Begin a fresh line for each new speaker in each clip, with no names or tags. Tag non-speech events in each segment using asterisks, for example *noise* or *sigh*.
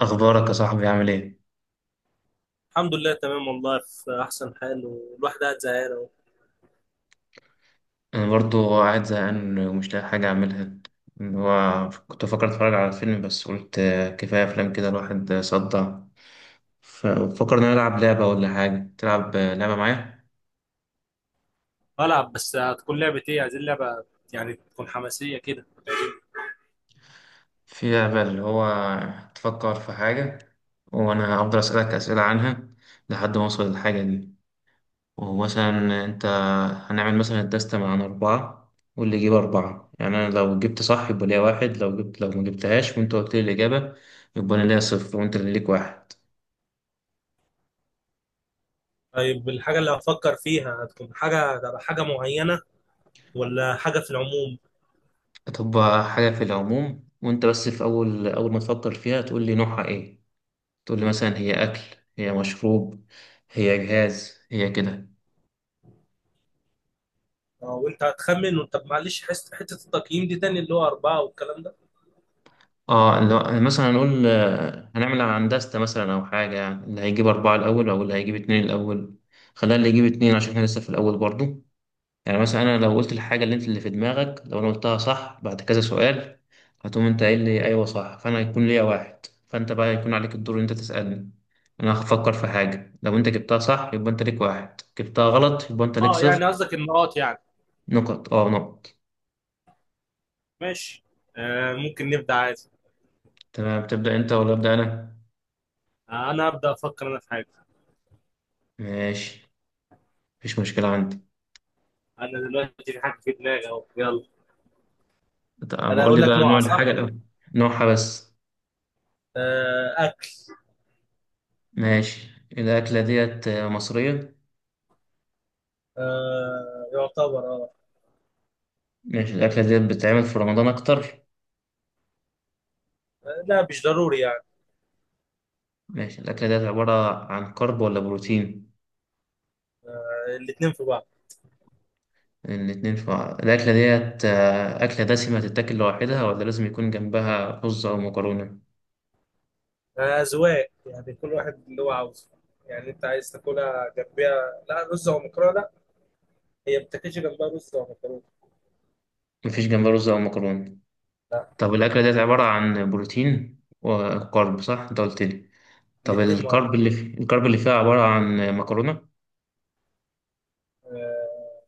اخبارك يا صاحبي، عامل ايه؟
الحمد لله، تمام والله، في احسن حال. والواحد قاعد زهقان اهو.
انا برضو قاعد زهقان ومش لاقي حاجه اعملها. اللي هو كنت فكرت اتفرج على فيلم، بس قلت آه كفايه افلام كده، الواحد صدع. ففكرنا نلعب لعبه ولا حاجه. تلعب لعبه معايا؟
بلعب، بس هتكون لعبة ايه؟ عايزين لعبة يعني تكون حماسية كده.
في لعبه اللي هو تفكر في حاجه، وانا هفضل اسالك اسئله عنها لحد ما اوصل للحاجه دي. ومثلا انت، هنعمل مثلا الدستة عن 4، واللي يجيب 4. يعني أنا لو جبت صح يبقى ليا واحد، لو ما جبتهاش وأنت قلت لي الإجابة يبقى أنا ليا صفر وأنت اللي ليك واحد.
طيب الحاجه اللي هفكر فيها هتكون حاجه معينه، ولا حاجه في العموم؟
هتبقى حاجة في العموم، وأنت بس في أول أول ما تفكر فيها تقول لي نوعها إيه. تقول لي مثلا هي أكل، هي مشروب، هي جهاز، هي كده.
اه، وانت هتخمن، وانت معلش حته التقييم دي تاني اللي هو اربعه والكلام ده.
اه لو مثلا هنقول هنعمل هندسة مثلا أو حاجة، يعني اللي هيجيب 4 الأول أو اللي هيجيب 2 الأول. خلينا اللي يجيب 2 عشان احنا لسه في الأول برضو. يعني مثلا انا لو قلت الحاجه اللي انت اللي في دماغك، لو انا قلتها صح بعد كذا سؤال، هتقوم انت قايل لي ايوه صح، فانا هيكون ليا واحد، فانت بقى هيكون عليك الدور ان انت تسالني. انا هفكر في حاجه، لو انت جبتها صح يبقى انت ليك واحد، جبتها غلط يبقى انت ليك
اه
صفر.
يعني قصدك النقاط يعني.
نقط، اه نقط.
ماشي. آه ممكن نبدأ عادي.
تمام، تبدا انت ولا ابدا انا؟
آه انا هبدأ افكر في حاجة.
ماشي، مفيش مشكله عندي.
انا دلوقتي في حاجة في دماغي اهو، يلا.
طب
انا
قول
اقول
لي
لك
بقى نوع
نوعه صح؟
الحاجه الاول، نوعها بس.
آه اكل.
ماشي، الاكله ديت مصريه؟
آه يعتبر آه.
ماشي، الاكله ديت بتتعمل في رمضان اكتر؟
لا مش ضروري يعني.
ماشي، الأكلة ديت عبارة عن كرب ولا بروتين؟
الاتنين في بعض.
الاتنين في بعض. الأكلة ديت أكلة دسمة تتاكل لوحدها ولا لازم يكون جنبها رز أو مكرونة؟
أذواق يعني، كل واحد اللي هو عاوزه. يعني أنت عايز تاكلها جنبها لا رز أو مكرونة؟ لا، هي ما بتاكلش جنبها رز أو مكرونة.
مفيش جنبها رز أو مكرونة.
لا،
طب الأكلة ديت عبارة عن بروتين وكرب صح؟ أنت قلت لي. طب
الاتنين مع بعض.
الكرب اللي فيها عبارة عن مكرونة؟
آه،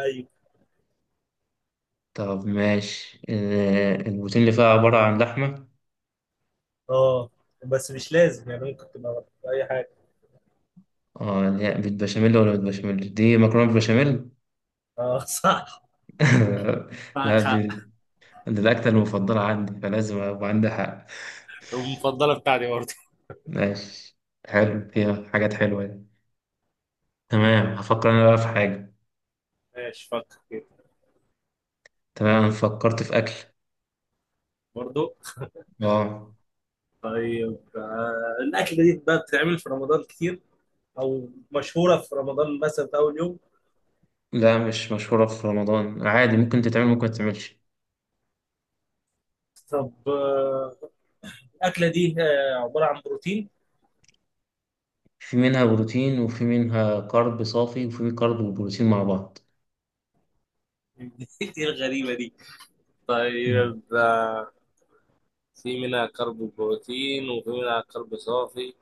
أيوه.
طب ماشي، البروتين اللي فيها عبارة عن لحمة؟
أه، بس مش لازم يعني، ممكن تبقى في أي حاجة.
اه اللي هي بالبشاميل، ولا بالبشاميل، دي مكرونة بالبشاميل؟
أه *laughs* صح،
*laughs* لا
معك
دي،
حق.
دي الأكلة المفضلة عندي فلازم أبقى عندي حق.
المفضلة بتاعتي برضه.
ماشي، حلو فيها حاجات حلوة دي. تمام، هفكر أنا بقى في حاجة.
ماشي، فكر كده.
تمام، أنا فكرت في أكل.
برضه.
آه
طيب، الأكلة دي بقى بتتعمل في رمضان كتير؟ أو مشهورة في رمضان مثلا في أول يوم؟
لا، مش مشهورة في رمضان، عادي ممكن تتعمل ممكن متتعملش.
طب الاكله دي عباره عن بروتين؟
في منها بروتين وفي منها كارب صافي وفي كارب وبروتين مع بعض.
*laughs* دي الغريبه دي.
مم.
طيب في منها كرب بروتين وفي منها كرب صافي.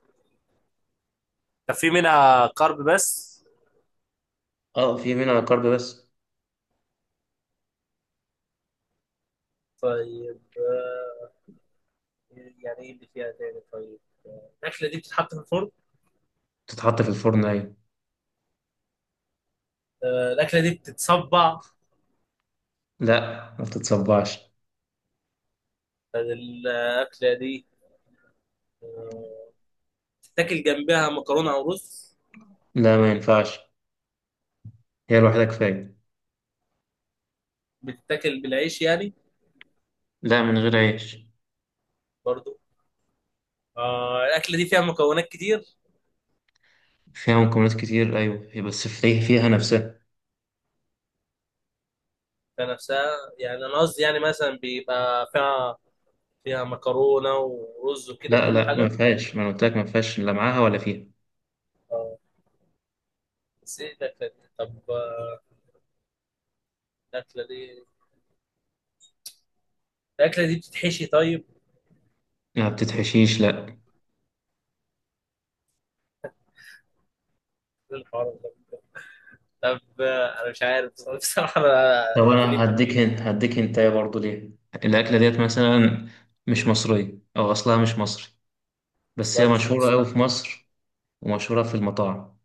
طب في منها كرب بس؟
اه في منها كارب بس.
طيب يعني ايه اللي فيها تاني؟ طيب الاكله دي بتتحط في الفرن؟
تتحط في الفرن، أيوة.
الاكله دي بتتصبع؟
لا، ما بتتصبعش.
طيب، الاكله دي آه، بتتاكل جنبها مكرونه او رز؟
لا، ما ينفعش، هي الوحيدة كفاية.
بتتاكل بالعيش يعني؟
لا، من غير عيش.
برضو. الاكله دي فيها مكونات كتير؟
فيها مكونات كتير، أيوة هي بس فيها نفسها.
كنفسها؟ يعني انا قصدي يعني مثلا بيبقى فيها، فيها مكرونه ورز وكده
لا
كل
لا، ما
حاجه.
فيهاش، ما أنا قلت لك ما فيهاش، لا معاها ولا فيها.
اه، بس ايه الاكله دي؟ طب الاكله دي، الاكله دي بتتحشي طيب؟
ما بتتحشيش لا.
إيه الحوار ده؟ طب انا مش عارف *laughs* بصراحه انا.
طب
يا
انا
غريب،
هديك هنت، هديك هنت برضه ليه. الأكلة ديت مثلا مش مصرية أو أصلها مش مصري، بس هي
اصلا مش
مشهورة
مصري؟
أوي في مصر ومشهورة في المطاعم.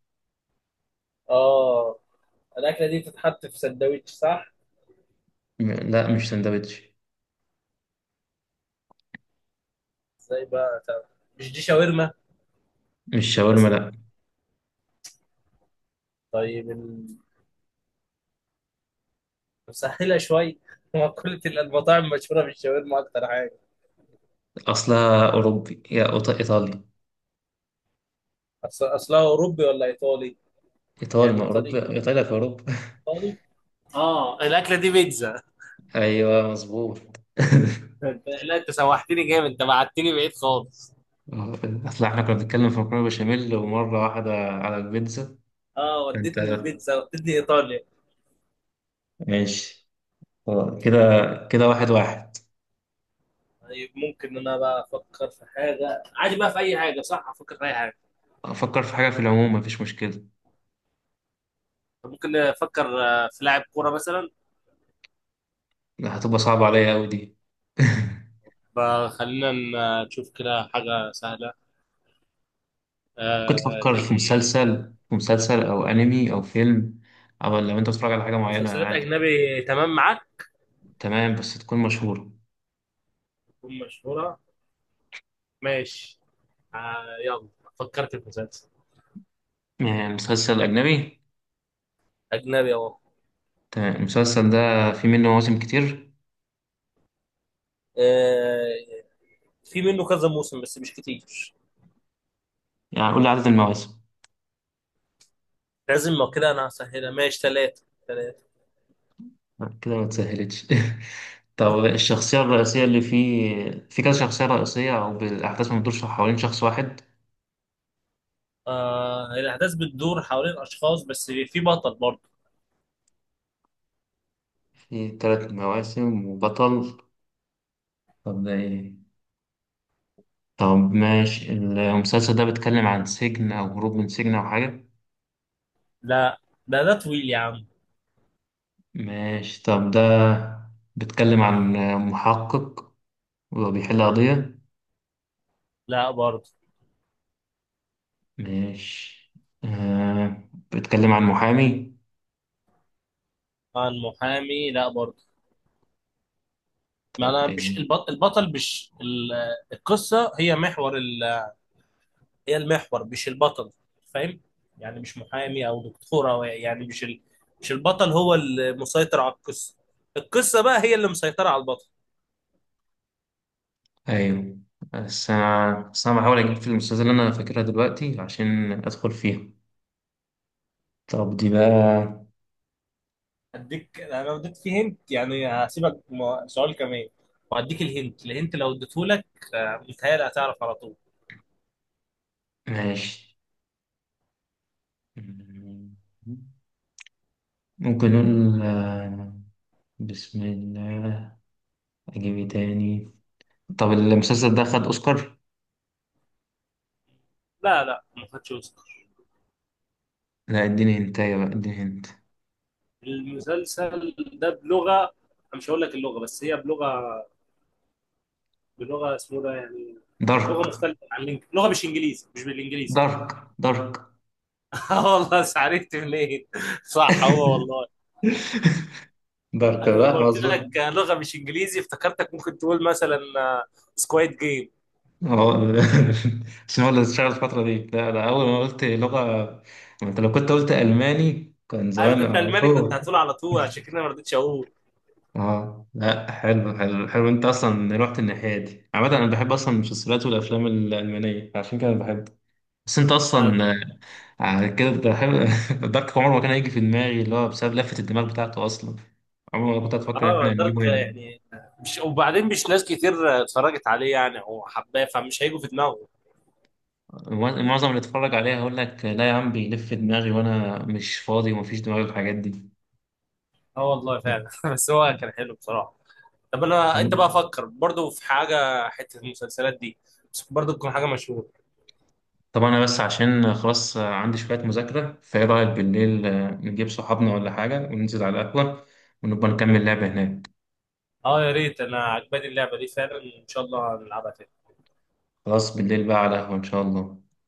اه الاكله دي بتتحط في سندوتش صح؟
لا، مش سندوتش.
ازاي بقى طب؟ مش دي شاورما
مش شاورما
مثلا؟
لا.
طيب مسهله شويه *laughs* هو كل المطاعم مشهوره بالشاورما اكتر حاجه.
أصلها أوروبي يا إيطالي.
اصلها اوروبي ولا ايطالي؟
إيطالي،
يعني
ما
ايطالي
أوروبا، إيطاليا في أوروبا. *laughs*
فاضي. اه الاكله دي بيتزا *laughs*
أيوه مظبوط. *laughs*
لا انت سوحتني جامد، انت بعتني بعيد خالص.
أصل إحنا كنا بنتكلم في مكرونة بشاميل، ومرة واحدة على البيتزا.
اه
أنت.
ودتني البيتزا، ودتني ايطاليا.
ماشي. كده، كده واحد واحد.
طيب ممكن ان انا بقى افكر في حاجه عادي بقى، في اي حاجه صح؟ افكر في اي حاجه؟
افكر في حاجه في العموم، مفيش مشكله.
طب ممكن نفكر في لاعب كوره مثلا.
لا، هتبقى صعبه عليا قوي دي. *laughs*
فخلينا نشوف كده حاجه سهله.
كنت
آه
افكر
زي
في
ايه؟
مسلسل، او انمي او فيلم، او لو انت بتتفرج على حاجه معينه
مسلسلات
عادي.
اجنبي تمام معاك؟
تمام بس تكون مشهوره.
تكون مشهوره. ماشي. آه يلا، فكرت في مسلسل
يعني مسلسل اجنبي.
اجنبي اهو.
تمام، المسلسل ده في منه مواسم كتير؟
آه، في منه كذا موسم بس مش كتير.
يعني قول لي عدد المواسم.
لازم ما كده انا هسهلها، ماشي 3 3.
كده ما تسهلتش. *laughs* طب الشخصيه الرئيسيه اللي فيه، في كذا شخصيه رئيسيه او بالاحداث ما بتدورش حوالين شخص واحد؟
آه، الأحداث بتدور حوالين أشخاص بس في بطل برضه.
في 3 مواسم وبطل. طب ده ايه؟ طب ماشي، المسلسل ده بيتكلم عن سجن أو هروب من سجن أو حاجة؟
لا ده ده طويل يا عم.
ماشي طب، ده بيتكلم عن محقق وبيحل قضية؟
لا برضه.
ماشي. آه، بيتكلم عن محامي؟
آه المحامي، لا برضه. ما
طب
أنا
إيه؟
مش البط... البطل مش ال... القصة هي محور ال... هي المحور، مش البطل. فاهم؟ يعني مش محامي أو دكتورة، أو يعني مش ال... مش البطل هو المسيطر على القصة، القصة بقى هي اللي مسيطرة على البطل.
أيوه. بس أنا بحاول أجيب في المسلسل اللي أنا فاكرها دلوقتي عشان أدخل فيها. طب دي بقى.
اديك انا لو اديت فيه هنت، يعني هسيبك سؤال كمان وهديك الهنت. الهنت لو اديته لك متهيألي هتعرف على طول.
ماشي، ممكن نقول بسم الله. أجيب إيه تاني؟ طب المسلسل ده خد اوسكار؟
لا لا، ما خدش اوسكار.
لا، اديني هنتايه بقى، اديني هنت.
المسلسل ده بلغه، أنا مش هقول لك اللغه بس هي بلغه، بلغه اسمه ده يعني. لغه
دارك،
مختلفه عن لغه مش انجليزي، مش بالانجليزي.
دارك. دارك،
*laughs* آه والله، بس عرفت منين؟ صح هو والله.
دارك
انا لما
بقى
قلت
مظبوط.
لك لغه مش انجليزي افتكرتك ممكن تقول مثلا سكواد جيم.
اه *laughs* عشان هو اللي اشتغل الفترة دي. لا ده، أول ما قلت لغة أنت، لو كنت قلت ألماني كان
انا
زمان
كنت
على
الماني كنت
طول.
هتقول على طول، عشان كده ما رضيتش اقول
اه لا، حلو حلو حلو، أنت أصلا رحت الناحية دي. عامة أنا بحب أصلا المسلسلات والأفلام الألمانية عشان كده بحب. بس أنت
آه،
أصلا على كده كنت بحب. *laughs* دارك عمر ما كان هيجي في دماغي، اللي هو بسبب لفة الدماغ بتاعته أصلا. عمر ما كنت هتفكر إن إحنا
اه. دارك
هنجيبه هنا.
يعني، مش وبعدين مش ناس كتير اتفرجت عليه يعني، هو حباه فمش هيجوا في دماغه.
معظم اللي اتفرج عليها هيقول لك لا يا عم، بيلف دماغي وأنا مش فاضي ومفيش دماغي الحاجات دي
اه والله فعلا *laughs* بس هو كان حلو بصراحه. طب انا، انت
يعني.
بقى فكر برضو في حاجه حته المسلسلات دي، بس برضو تكون حاجه مشهوره.
طبعا، أنا بس عشان خلاص عندي شوية مذاكرة، فإيه رأيك بالليل نجيب صحابنا ولا حاجة وننزل على القهوة ونبقى نكمل لعبة هناك.
اه يا ريت، انا عجباني اللعبه دي فعلا، ان شاء الله نلعبها تاني.
خلاص، بالليل بقى على القهوة إن شاء الله.